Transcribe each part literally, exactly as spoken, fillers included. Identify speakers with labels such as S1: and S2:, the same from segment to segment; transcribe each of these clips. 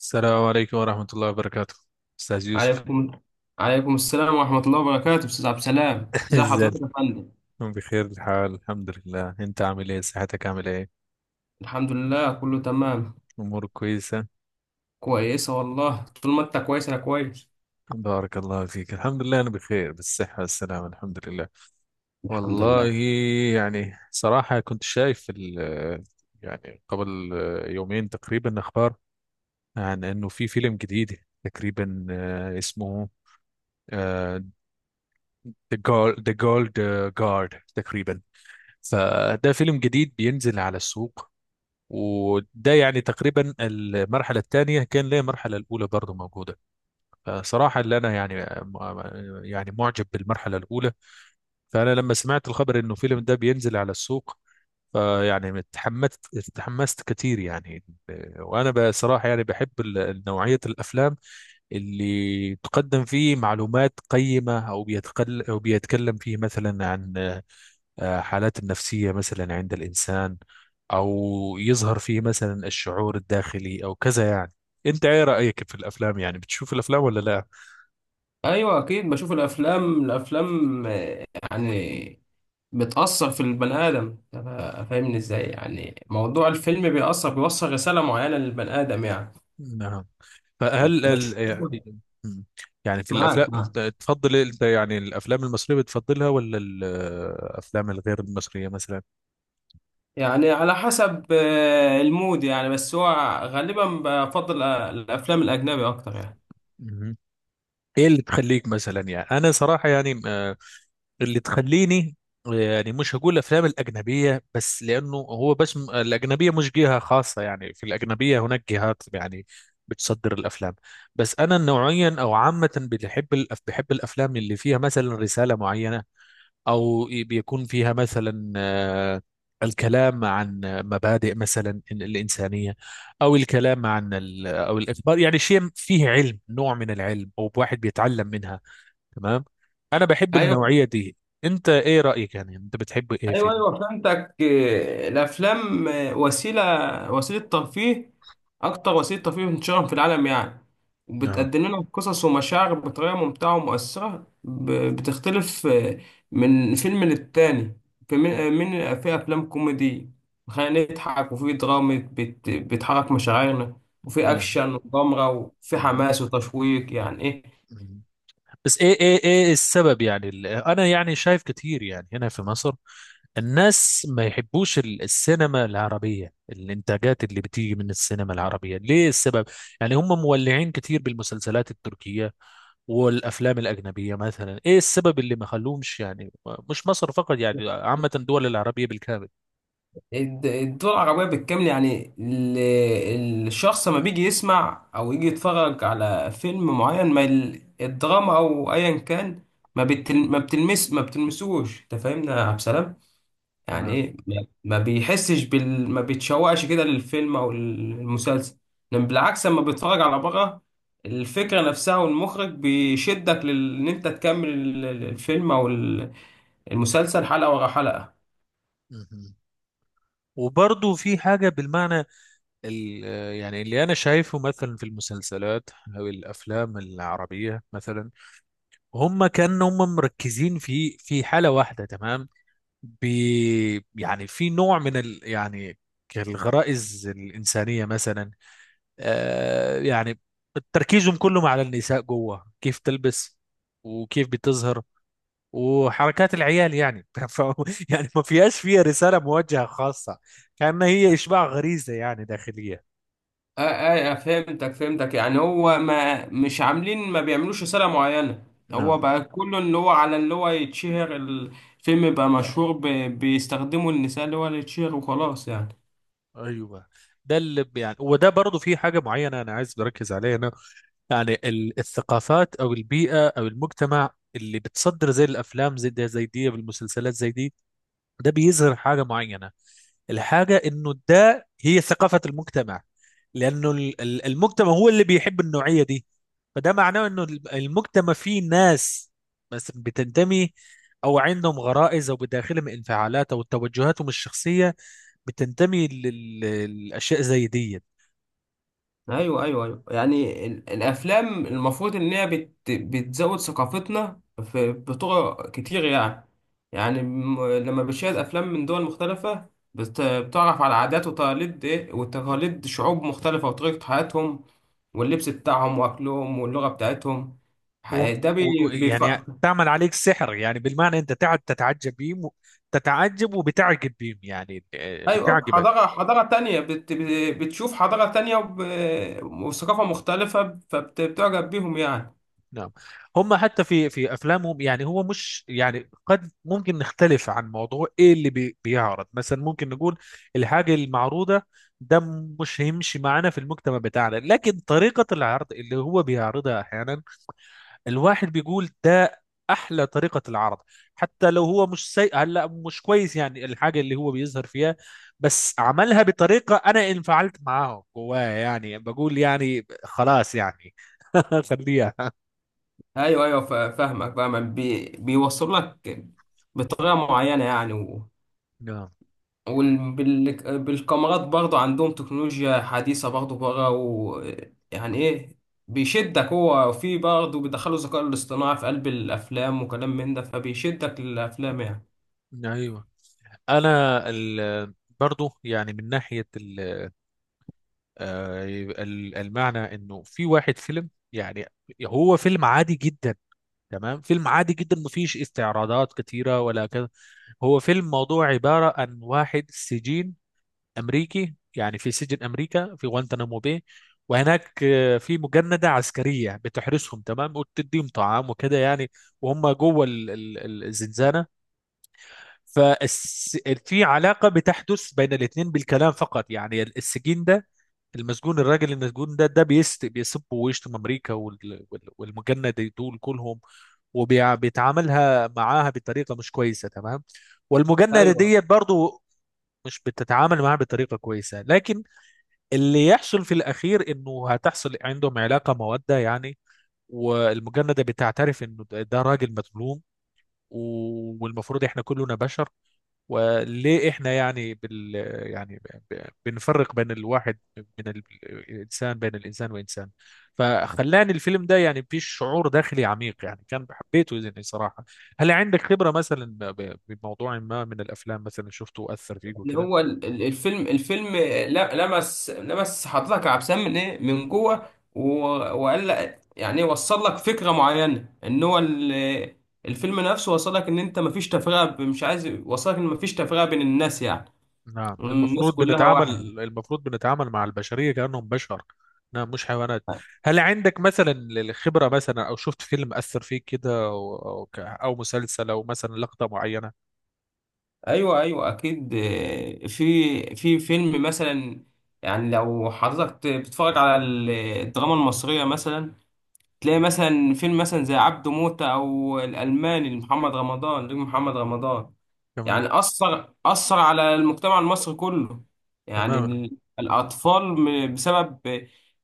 S1: السلام عليكم ورحمة الله وبركاته، أستاذ يوسف.
S2: عليكم عليكم السلام ورحمة الله وبركاته أستاذ عبد السلام، إزي
S1: ازاي؟
S2: حضرتك يا فندم؟
S1: بخير الحال، الحمد لله. أنت عامل إيه؟ صحتك عامل إيه؟
S2: الحمد لله كله تمام.
S1: أمورك كويسة؟
S2: كويسة والله، طول ما أنت كويس أنا كويس،
S1: بارك الله فيك، الحمد لله أنا بخير بالصحة والسلامة، الحمد لله.
S2: الحمد
S1: والله
S2: لله.
S1: يعني صراحة كنت شايف ال- يعني قبل يومين تقريبا أخبار عن إنه في فيلم جديد تقريبا، آه، اسمه آه، The Gold The Gold Guard تقريبا. فده فيلم جديد بينزل على السوق، وده يعني تقريبا المرحلة الثانية، كان ليه المرحلة الأولى برضه موجودة. فصراحة اللي أنا يعني يعني معجب بالمرحلة الأولى. فأنا لما سمعت الخبر إنه الفيلم ده بينزل على السوق، فيعني اتحمست اتحمست كتير يعني. وأنا بصراحة يعني بحب ال- نوعية الأفلام اللي تقدم فيه معلومات قيمة، أو بيتقل، أو بيتكلم فيه مثلا عن آه، حالات النفسية مثلا عند الإنسان، أو يظهر فيه مثلا الشعور الداخلي أو كذا يعني. أنت إيه رأيك في الأفلام؟ يعني بتشوف الأفلام ولا لا؟
S2: أيوة أكيد بشوف الأفلام. الأفلام آه، يعني بتأثر في البني آدم. طب فاهمني إزاي؟ يعني موضوع الفيلم بيأثر، بيوصل رسالة معينة للبني آدم يعني.
S1: نعم. فهل ال...
S2: بشوفه،
S1: يعني يعني في الأفلام،
S2: معاك معاك.
S1: تفضل أنت يعني الأفلام المصرية بتفضلها ولا الأفلام الغير المصرية مثلا؟
S2: يعني على حسب آه، المود يعني، بس هو غالبا بفضل آه، الأفلام الأجنبي أكتر يعني.
S1: مهم. إيه اللي تخليك مثلا؟ يعني أنا صراحة يعني آه، اللي تخليني يعني مش هقول افلام الاجنبيه بس، لانه هو بس م- الاجنبيه مش جهه خاصه، يعني في الاجنبيه هناك جهات يعني بتصدر الافلام. بس انا نوعيا او عامه بحب الأف- بحب الافلام اللي فيها مثلا رساله معينه، او ي- بيكون فيها مثلا آه، الكلام عن مبادئ مثلا ال- الانسانيه، او الكلام عن ال- او الاخبار، يعني شيء فيه علم، نوع من العلم، او واحد بيتعلم منها. تمام، انا بحب
S2: ايوه
S1: النوعيه دي. انت ايه رايك؟ يعني انت بتحب ايه في
S2: ايوه ايوه فهمتك إيه، الافلام إيه، وسيله وسيله ترفيه، اكتر وسيله ترفيه انتشارا في العالم يعني.
S1: النوع؟
S2: وبتقدم لنا قصص ومشاعر بطريقه ممتعه ومؤثره، ب- بتختلف إيه، من فيلم للتاني. في من آه، من- في افلام كوميدي خلينا نضحك، وفي دراما بت- بتحرك مشاعرنا، وفي
S1: آه.
S2: اكشن وغامره، وفي
S1: مم.
S2: حماس وتشويق يعني إيه.
S1: مم. بس ايه ايه ايه السبب؟ يعني ال- انا يعني شايف كتير يعني هنا في مصر الناس ما يحبوش ال- السينما العربيه، الانتاجات اللي بتيجي من السينما العربيه. ليه السبب؟ يعني هم مولعين كتير بالمسلسلات التركيه والافلام الاجنبيه مثلا. ايه السبب اللي ما خلوهمش يعني؟ مش مصر فقط، يعني عامه الدول العربيه بالكامل.
S2: الد- الدول العربية بالكامل، يعني ال- الشخص لما بيجي يسمع أو يجي يتفرج على فيلم معين، ما ال- الدراما أو أيا كان ما بتل ما بتلمس ما بتلمسوش، أنت فاهمنا يا عبد السلام؟ يعني
S1: تمام.
S2: إيه، ما ما بيحسش بال، ما بيتشوقش كده للفيلم أو المسلسل. لأن بالعكس، لما بيتفرج على بره، الفكرة نفسها والمخرج بيشدك لل- إن أنت تكمل ال- الفيلم أو ال- المسلسل حلقة ورا حلقة.
S1: مهم. وبرضه في حاجة بالمعنى ال- يعني اللي أنا شايفه مثلا في المسلسلات أو الأفلام العربية مثلا، هم كانوا هم مركزين في في حالة واحدة تمام. بي يعني في نوع من ال يعني الغرائز الإنسانية مثلا. آه يعني تركيزهم كلهم على النساء، جوه كيف تلبس وكيف بتظهر وحركات العيال يعني ف... يعني ما فيهاش، فيها رسالة موجهة خاصة، كأنها هي إشباع غريزة يعني داخلية.
S2: اه اه آه، فهمتك فهمتك، يعني هو ما مش عاملين، ما بيعملوش رسالة معينة.
S1: نعم.
S2: هو بقى كله اللي هو، على اللي هو يتشهر الفيلم، بقى مشهور، ب- بيستخدموا النساء اللي هو اللي يتشهر وخلاص يعني.
S1: أيوة. ده اللي ب- يعني، وده برضو في حاجة معينة أنا عايز بركز عليها أنا. يعني ال- الثقافات أو البيئة أو المجتمع اللي بتصدر زي الأفلام زي ده زي دي والمسلسلات زي دي، ده بيظهر حاجة معينة: الحاجة انه ده هي ثقافة المجتمع. لانه ال- ال- المجتمع هو اللي بيحب النوعية دي. فده معناه انه ال- المجتمع فيه ناس بس بتنتمي، او عندهم غرائز، او بداخلهم انفعالات، او توجهاتهم الشخصية بتنتمي لل- للاشياء زي دي.
S2: ايوه ايوه ايوه يعني ال- الافلام المفروض ان هي بت بتزود ثقافتنا في بطرق كتير يعني. يعني م- لما بتشاهد افلام من دول مختلفه، بت بتعرف على عادات وتقاليد، ايه، وتقاليد شعوب مختلفه وطريقه حياتهم واللبس بتاعهم واكلهم واللغه بتاعتهم. ح-
S1: و-
S2: ده
S1: و-
S2: بي
S1: و-
S2: بيف...
S1: يعني تعمل عليك سحر، يعني بالمعنى انت تقعد تتعجب بيهم و- تتعجب وبتعجب بيهم يعني، آه،
S2: ايوه،
S1: بتعجبك.
S2: حضاره حضاره تانية، بت بتشوف حضاره تانية وب- وثقافه مختلفه، فبتعجب بيهم يعني.
S1: نعم. هم حتى في في افلامهم يعني، هو مش يعني قد ممكن نختلف عن موضوع ايه اللي بي بيعرض مثلا، ممكن نقول الحاجه المعروضه ده مش هيمشي معانا في المجتمع بتاعنا، لكن طريقه العرض اللي هو بيعرضها احيانا الواحد بيقول ده احلى طريقه العرض. حتى لو هو مش سيء، هلا مش كويس يعني الحاجه اللي هو بيظهر فيها، بس عملها بطريقه انا انفعلت معاه جواه، يعني بقول يعني خلاص يعني خليها.
S2: ايوه ايوه ف- فاهمك فاهمك، بي بيوصل لك بطريقه معينه يعني. و...
S1: نعم.
S2: وبالكاميرات برضه عندهم تكنولوجيا حديثه برضه بره، و... يعني ايه، بيشدك. هو في برضه بيدخلوا الذكاء الاصطناعي في قلب الافلام وكلام من ده، فبيشدك للافلام يعني.
S1: ايوه. انا ال... برضو يعني من ناحيه ال... آه، ال- المعنى انه في واحد فيلم، يعني هو فيلم عادي جدا تمام، فيلم عادي جدا مفيش استعراضات كتيره ولا كذا. هو فيلم موضوع عباره عن واحد سجين امريكي يعني في سجن امريكا في غوانتنامو باي. وهناك آه، في مجندة عسكرية بتحرسهم تمام وتديهم طعام وكده يعني. وهم جوه ال- ال- الزنزانة. ففي علاقة بتحدث بين الاثنين بالكلام فقط. يعني السجين ده، المسجون، الراجل المسجون ده ده بيست بيسب ويشتم أمريكا وال- وال- والمجند دول كلهم، وبيتعاملها معاها بطريقة مش كويسة تمام. والمجندة
S2: ايوه.
S1: دي برضو مش بتتعامل معاها بطريقة كويسة، لكن اللي يحصل في الأخير إنه هتحصل عندهم علاقة مودة يعني. والمجندة بتعترف إنه ده ده راجل مظلوم، والمفروض إحنا كلنا بشر. وليه احنا يعني بال يعني ب- ب- بنفرق بين الواحد من ال- الانسان، بين الانسان وانسان. فخلاني الفيلم ده يعني فيه شعور داخلي عميق يعني، كان حبيته يعني صراحة. هل عندك خبرة مثلا ب- بموضوع ما من الافلام مثلا شفته اثر فيك
S2: ان
S1: وكده؟
S2: هو ال- ال- الفيلم الفيلم ل- لمس لمس حضرتك يا عبد السلام من ايه، من جوه، و- وقال لك يعني، وصل لك فكره معينه، ان هو ال- الفيلم نفسه وصل لك ان انت مفيش تفرقه، ب- مش عايز، وصل لك ان مفيش تفرقه بين الناس يعني،
S1: نعم،
S2: الناس
S1: المفروض
S2: كلها
S1: بنتعامل
S2: واحد.
S1: المفروض بنتعامل مع البشرية كأنهم بشر. نعم مش حيوانات. هل عندك مثلا الخبرة، مثلا او شفت فيلم اثر فيك كده، او او ك- أو مسلسل، او مثلا لقطة معينة؟
S2: ايوه ايوه اكيد. آه، في في فيلم مثلا، يعني لو حضرتك بتتفرج على الدراما المصريه مثلا، تلاقي مثلا فيلم مثلا زي عبده موتة او الالماني لمحمد رمضان، نجم محمد رمضان،
S1: تمام.
S2: يعني اثر اثر على المجتمع المصري كله. يعني
S1: تماما.
S2: ال- الاطفال، م- بسبب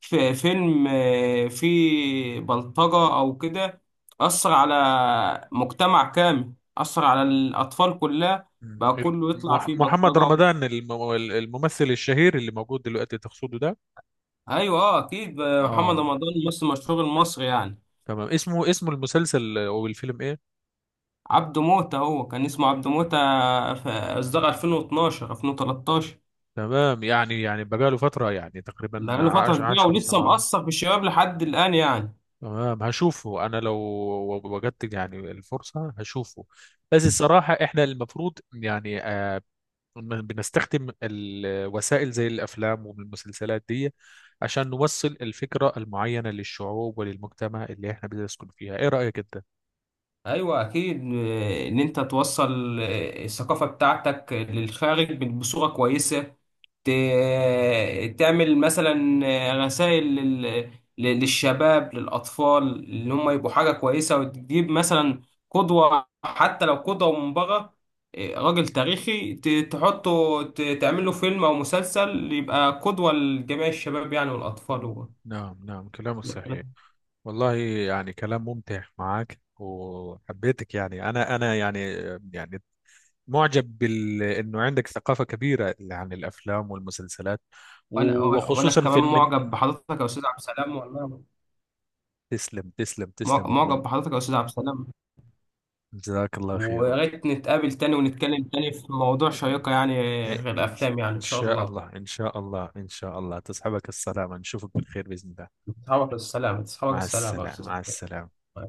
S2: ف- فيلم آه، فيه بلطجة او كده، اثر على مجتمع كامل، اثر على الاطفال كلها،
S1: مم.
S2: بقى
S1: ال-
S2: كله يطلع
S1: مح-
S2: فيه
S1: محمد
S2: بلطجة.
S1: رمضان الم- الممثل الشهير اللي موجود دلوقتي تقصده ده؟
S2: ايوه اه اكيد آه، محمد
S1: اه
S2: رمضان ممثل مشهور المصري يعني.
S1: تمام. اسمه، اسم المسلسل او الفيلم ايه؟
S2: عبده موتة، هو كان اسمه عبده موتة، في إصدار ألفين واتناشر ألفين وتلتاشر.
S1: تمام يعني، يعني بقاله فترة، يعني تقريبا
S2: بقاله فترة
S1: عش
S2: كبيرة
S1: عشر سنين.
S2: ولسه
S1: اه
S2: مأثر في الشباب لحد الآن يعني.
S1: تمام. هشوفه انا لو وجدت يعني الفرصة هشوفه. بس الصراحة احنا المفروض يعني آه، بنستخدم الوسائل زي الأفلام والمسلسلات دي عشان نوصل الفكرة المعينة للشعوب وللمجتمع اللي احنا بنسكن فيها. ايه رأيك انت؟
S2: ايوه اكيد. آه، ان انت توصل آه، الثقافه بتاعتك للخارج بصوره كويسه، ت- تعمل مثلا آه، رسائل لل- ل- للشباب للاطفال اللي هم يبقوا حاجه كويسه، وتجيب مثلا قدوه، حتى لو قدوه من بره، آه، راجل تاريخي، ت- تحطه، ت- تعمل له فيلم او مسلسل، يبقى قدوه لجميع الشباب يعني، والاطفال.
S1: مم.
S2: و-
S1: نعم نعم كلامه صحيح. والله يعني كلام ممتع معك وحبيتك يعني، انا انا يعني يعني معجب بال انه عندك ثقافة كبيرة عن الافلام والمسلسلات،
S2: وانا وانا
S1: وخصوصا في
S2: كمان
S1: من...
S2: معجب بحضرتك يا استاذ عبد السلام والله.
S1: تسلم تسلم
S2: مع-
S1: تسلم يا أخونا.
S2: معجب بحضرتك يا أستاذ عبد السلام،
S1: جزاك الله
S2: ويا
S1: خير.
S2: ريت نتقابل تاني ونتكلم تاني في موضوع شيقة يعني،
S1: إيه،
S2: غير
S1: إن
S2: الأفلام يعني،
S1: إن
S2: إن شاء
S1: شاء
S2: الله.
S1: الله إن شاء الله إن شاء الله، تصحبك السلامة، نشوفك بالخير بإذن الله.
S2: تصحابك السلام، تصحابك
S1: مع
S2: السلام يا
S1: السلامة
S2: أستاذ
S1: مع
S2: عبد
S1: السلامة.
S2: السلام.